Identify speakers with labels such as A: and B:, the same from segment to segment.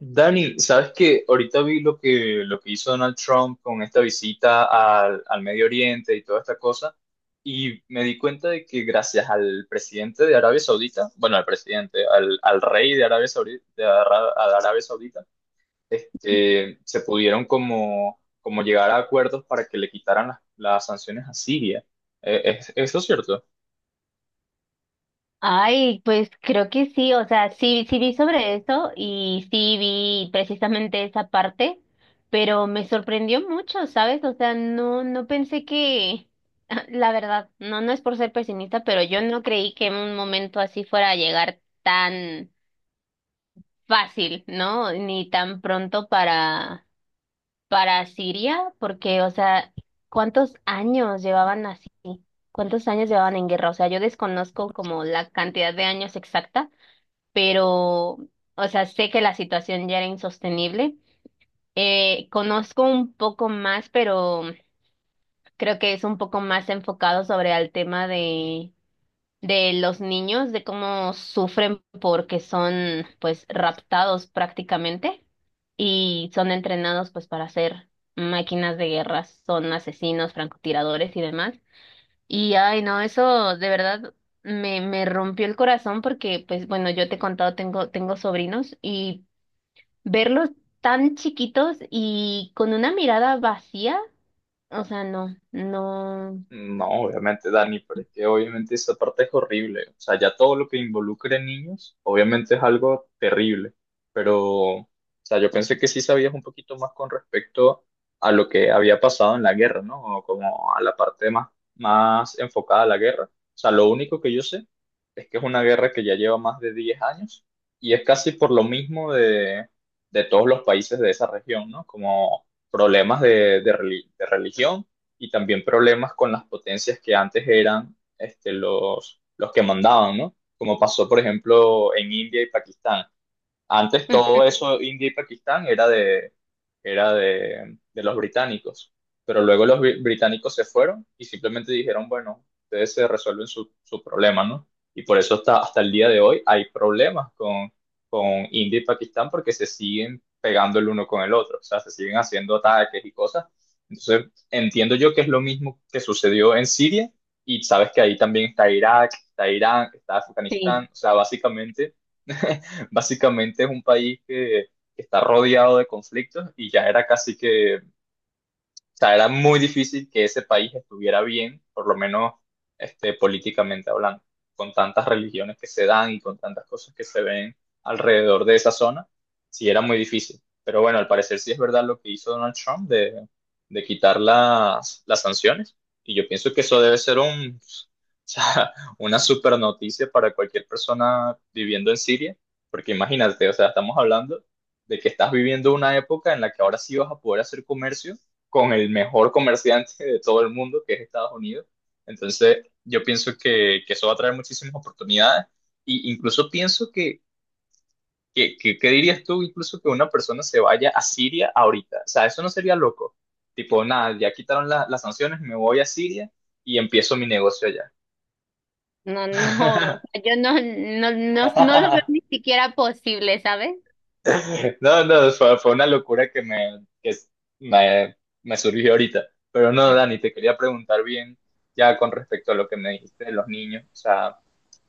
A: Dani, ¿sabes que ahorita vi lo que hizo Donald Trump con esta visita al, al Medio Oriente y toda esta cosa, y me di cuenta de que gracias al presidente de Arabia Saudita, bueno, al presidente, al, al rey de Arabia Saudita, a Arabia Saudita, se pudieron como, como llegar a acuerdos para que le quitaran las sanciones a Siria. ¿ eso es cierto?
B: Ay, pues creo que sí, o sea, sí, sí vi sobre eso y sí vi precisamente esa parte, pero me sorprendió mucho, ¿sabes? O sea, no pensé que, la verdad, no es por ser pesimista, pero yo no creí que en un momento así fuera a llegar tan fácil, ¿no? Ni tan pronto para Siria, porque, o sea, ¿cuántos años llevaban así? ¿Cuántos años llevaban en guerra? O sea, yo desconozco como la cantidad de años exacta pero, o sea, sé que la situación ya era insostenible. Conozco un poco más, pero creo que es un poco más enfocado sobre el tema de los niños, de cómo sufren porque son, pues, raptados prácticamente y son entrenados, pues, para ser máquinas de guerra, son asesinos, francotiradores y demás. Y, ay, no, eso de verdad me rompió el corazón porque, pues, bueno, yo te he contado, tengo, tengo sobrinos y verlos tan chiquitos y con una mirada vacía, o sea, no, no.
A: No, obviamente, Dani, pero es que obviamente esa parte es horrible. O sea, ya todo lo que involucre niños, obviamente es algo terrible. Pero, o sea, yo pensé que sí sabías un poquito más con respecto a lo que había pasado en la guerra, ¿no? O como a la parte más, más enfocada a la guerra. O sea, lo único que yo sé es que es una guerra que ya lleva más de 10 años y es casi por lo mismo de todos los países de esa región, ¿no? Como problemas de religión y también problemas con las potencias que antes eran los que mandaban, ¿no? Como pasó, por ejemplo, en India y Pakistán, antes
B: Ujú.
A: todo eso, India y Pakistán, era de los británicos. Pero luego británicos se fueron y simplemente dijeron, bueno, ustedes se resuelven su, su problema, ¿no? Y por eso hasta, hasta el día de hoy hay problemas con India y Pakistán porque se siguen pegando el uno con el otro, o sea, se siguen haciendo ataques y cosas. Entonces, entiendo yo que es lo mismo que sucedió en Siria y sabes que ahí también está Irak, está Irán, está
B: Sí,
A: Afganistán, o sea, básicamente básicamente es un país que está rodeado de conflictos y ya era casi que sea, era muy difícil que ese país estuviera bien, por lo menos políticamente hablando, con tantas religiones que se dan y con tantas cosas que se ven alrededor de esa zona, sí era muy difícil. Pero bueno, al parecer sí es verdad lo que hizo Donald Trump de quitar las sanciones. Y yo pienso que eso debe ser un, o sea, una super noticia para cualquier persona viviendo en Siria, porque imagínate, o sea, estamos hablando de que estás viviendo una época en la que ahora sí vas a poder hacer comercio con el mejor comerciante de todo el mundo, que es Estados Unidos. Entonces, yo pienso que eso va a traer muchísimas oportunidades. Y incluso pienso que, ¿qué dirías tú? Incluso que una persona se vaya a Siria ahorita. O sea, eso no sería loco. Tipo, nada, las sanciones, me voy a Siria y empiezo mi negocio allá.
B: no, no, o sea, yo no lo veo ni siquiera posible, ¿sabes?
A: No, no, fue, fue una locura que me, me, me surgió ahorita. Pero no, Dani, te quería preguntar bien ya con respecto a lo que me dijiste de los niños. O sea,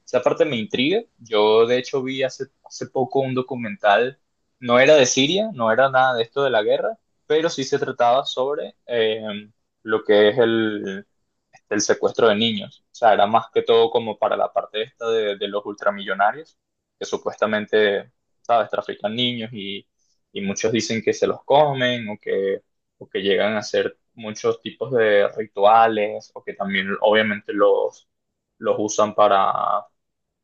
A: esa parte me intriga. Yo, de hecho, vi hace, hace poco un documental, no era de Siria, no era nada de esto de la guerra, pero sí se trataba sobre lo que es el, del secuestro de niños. O sea, era más que todo como para la parte esta de los ultramillonarios, que supuestamente, ¿sabes?, trafican niños y muchos dicen que se los comen o que llegan a hacer muchos tipos de rituales o que también obviamente los usan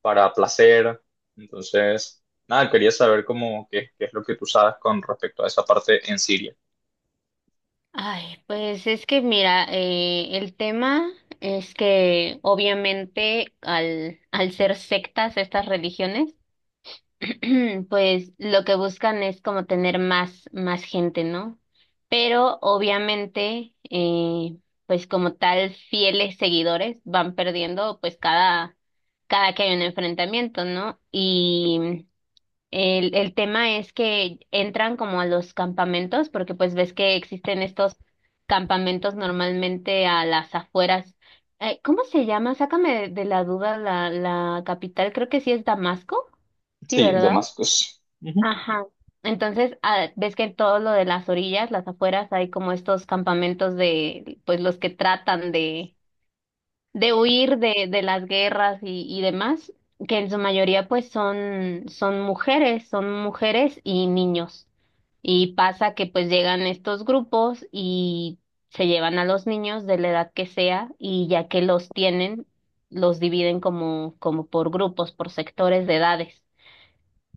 A: para placer. Entonces, nada, quería saber cómo, qué, qué es lo que tú sabes con respecto a esa parte en Siria.
B: Ay, pues es que mira, el tema es que obviamente al ser sectas estas religiones, pues lo que buscan es como tener más, más gente, ¿no? Pero obviamente, pues como tal, fieles seguidores van perdiendo pues cada, cada que hay un enfrentamiento, ¿no? Y el tema es que entran como a los campamentos, porque pues ves que existen estos campamentos normalmente a las afueras. ¿Cómo se llama? Sácame de la duda la, la capital, creo que sí es Damasco, sí,
A: Sí,
B: ¿verdad?
A: Damascus. Ujú.
B: Ajá. Entonces, ah, ves que en todo lo de las orillas, las afueras, hay como estos campamentos de, pues los que tratan de huir de las guerras y demás, que en su mayoría pues son, son mujeres y niños. Y pasa que pues llegan estos grupos y se llevan a los niños de la edad que sea y ya que los tienen, los dividen como, como por grupos, por sectores de edades.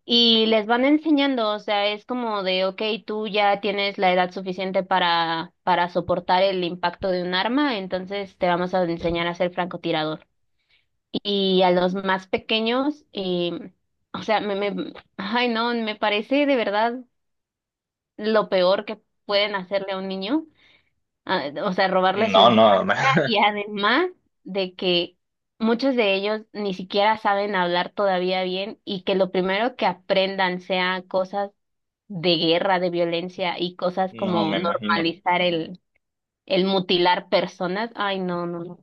B: Y les van enseñando, o sea, es como de, ok, tú ya tienes la edad suficiente para soportar el impacto de un arma, entonces te vamos a enseñar a ser francotirador. Y a los más pequeños, o sea, ay no, me parece de verdad lo peor que pueden hacerle a un niño, ah, o sea, robarle su
A: No,
B: infancia
A: no,
B: y además de que muchos de ellos ni siquiera saben hablar todavía bien y que lo primero que aprendan sea cosas de guerra, de violencia y cosas
A: no
B: como
A: me imagino.
B: normalizar el mutilar personas. Ay, no, no, no.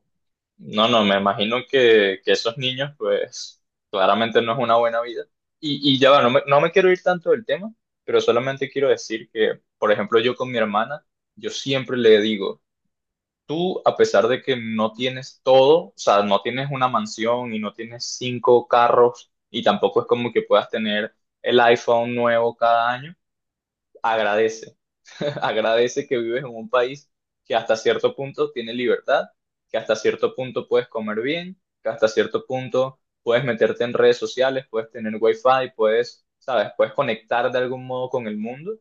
A: No, no, me imagino que esos niños, pues, claramente no es una buena vida. Y ya va, no me, no me quiero ir tanto del tema, pero solamente quiero decir que, por ejemplo, yo con mi hermana, yo siempre le digo, tú, a pesar de que no tienes todo, o sea, no tienes una mansión y no tienes 5 carros, y tampoco es como que puedas tener el iPhone nuevo cada año, agradece agradece que vives en un país que hasta cierto punto tiene libertad, que hasta cierto punto puedes comer bien, que hasta cierto punto puedes meterte en redes sociales, puedes tener wifi, puedes, sabes, puedes conectar de algún modo con el mundo.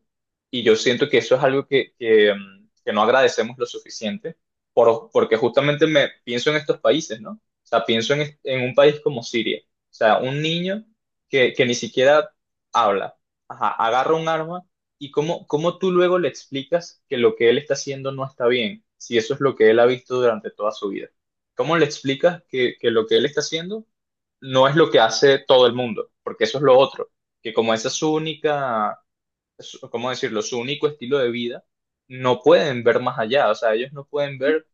A: Y yo siento que eso es algo que, que no agradecemos lo suficiente, porque justamente me pienso en estos países, ¿no? O sea, pienso en, en un país como Siria. O sea, un niño que ni siquiera habla, ajá, agarra un arma. ¿Y cómo, cómo tú luego le explicas que lo que él está haciendo no está bien, si eso es lo que él ha visto durante toda su vida? ¿Cómo le explicas que lo que él está haciendo no es lo que hace todo el mundo? Porque eso es lo otro, que como esa es su única ¿cómo decirlo?, su único estilo de vida, no pueden ver más allá, o sea, ellos no pueden ver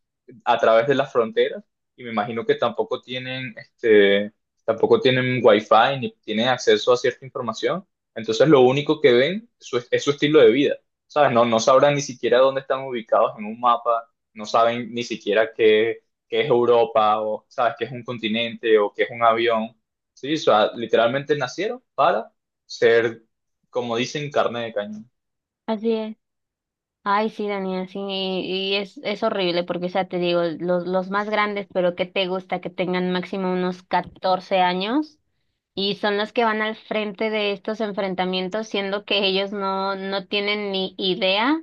A: a través de las fronteras y me imagino que tampoco tienen, tampoco tienen wifi ni tienen acceso a cierta información, entonces lo único que ven es su estilo de vida, ¿sabes? No, no sabrán ni siquiera dónde están ubicados en un mapa, no saben ni siquiera qué, qué es Europa o, ¿sabes?, qué es un continente o qué es un avión, ¿sí? O sea, literalmente nacieron para ser, como dicen, carne de cañón.
B: Así es. Ay, sí, Daniel, sí, y es horrible porque, o sea, te digo, los más grandes, pero que te gusta que tengan máximo unos 14 años y son los que van al frente de estos enfrentamientos, siendo que ellos no, no tienen ni idea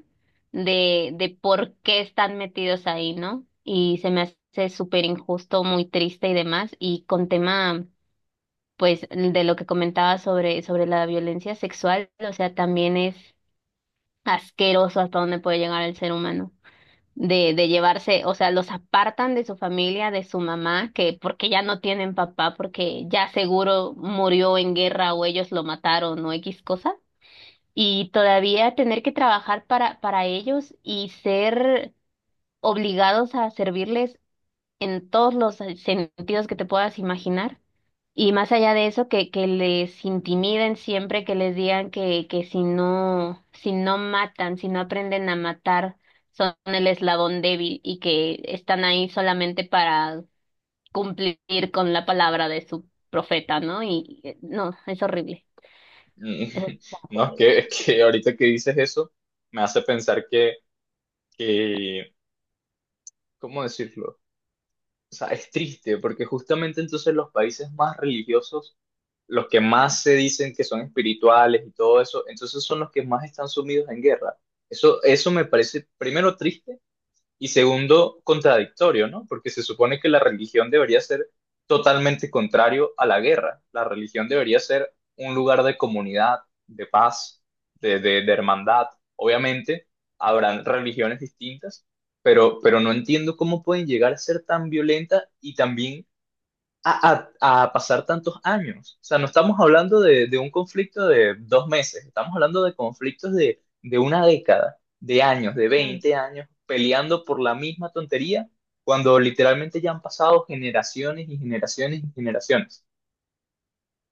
B: de por qué están metidos ahí, ¿no? Y se me hace súper injusto, muy triste y demás, y con tema pues de lo que comentaba sobre, sobre la violencia sexual, o sea, también es asqueroso hasta dónde puede llegar el ser humano. De llevarse, o sea, los apartan de su familia, de su mamá, que porque ya no tienen papá, porque ya seguro murió en guerra o ellos lo mataron o X cosa, y todavía tener que trabajar para ellos y ser obligados a servirles en todos los sentidos que te puedas imaginar. Y más allá de eso, que les intimiden siempre, que les digan que si no, si no matan, si no aprenden a matar, son el eslabón débil y que están ahí solamente para cumplir con la palabra de su profeta, ¿no? Y no, es horrible.
A: Mm.
B: Es
A: No,
B: horrible.
A: es que ahorita que dices eso, me hace pensar que, ¿cómo decirlo? O sea, es triste, porque justamente entonces los países más religiosos, los que más se dicen que son espirituales y todo eso, entonces son los que más están sumidos en guerra. Eso me parece, primero, triste y segundo, contradictorio, ¿no? Porque se supone que la religión debería ser totalmente contrario a la guerra. La religión debería ser un lugar de comunidad, de paz, de hermandad. Obviamente, habrán religiones distintas, pero no entiendo cómo pueden llegar a ser tan violenta y también a, a pasar tantos años. O sea, no estamos hablando de un conflicto de 2 meses, estamos hablando de conflictos de una década, de años, de 20 años, peleando por la misma tontería, cuando literalmente ya han pasado generaciones y generaciones y generaciones.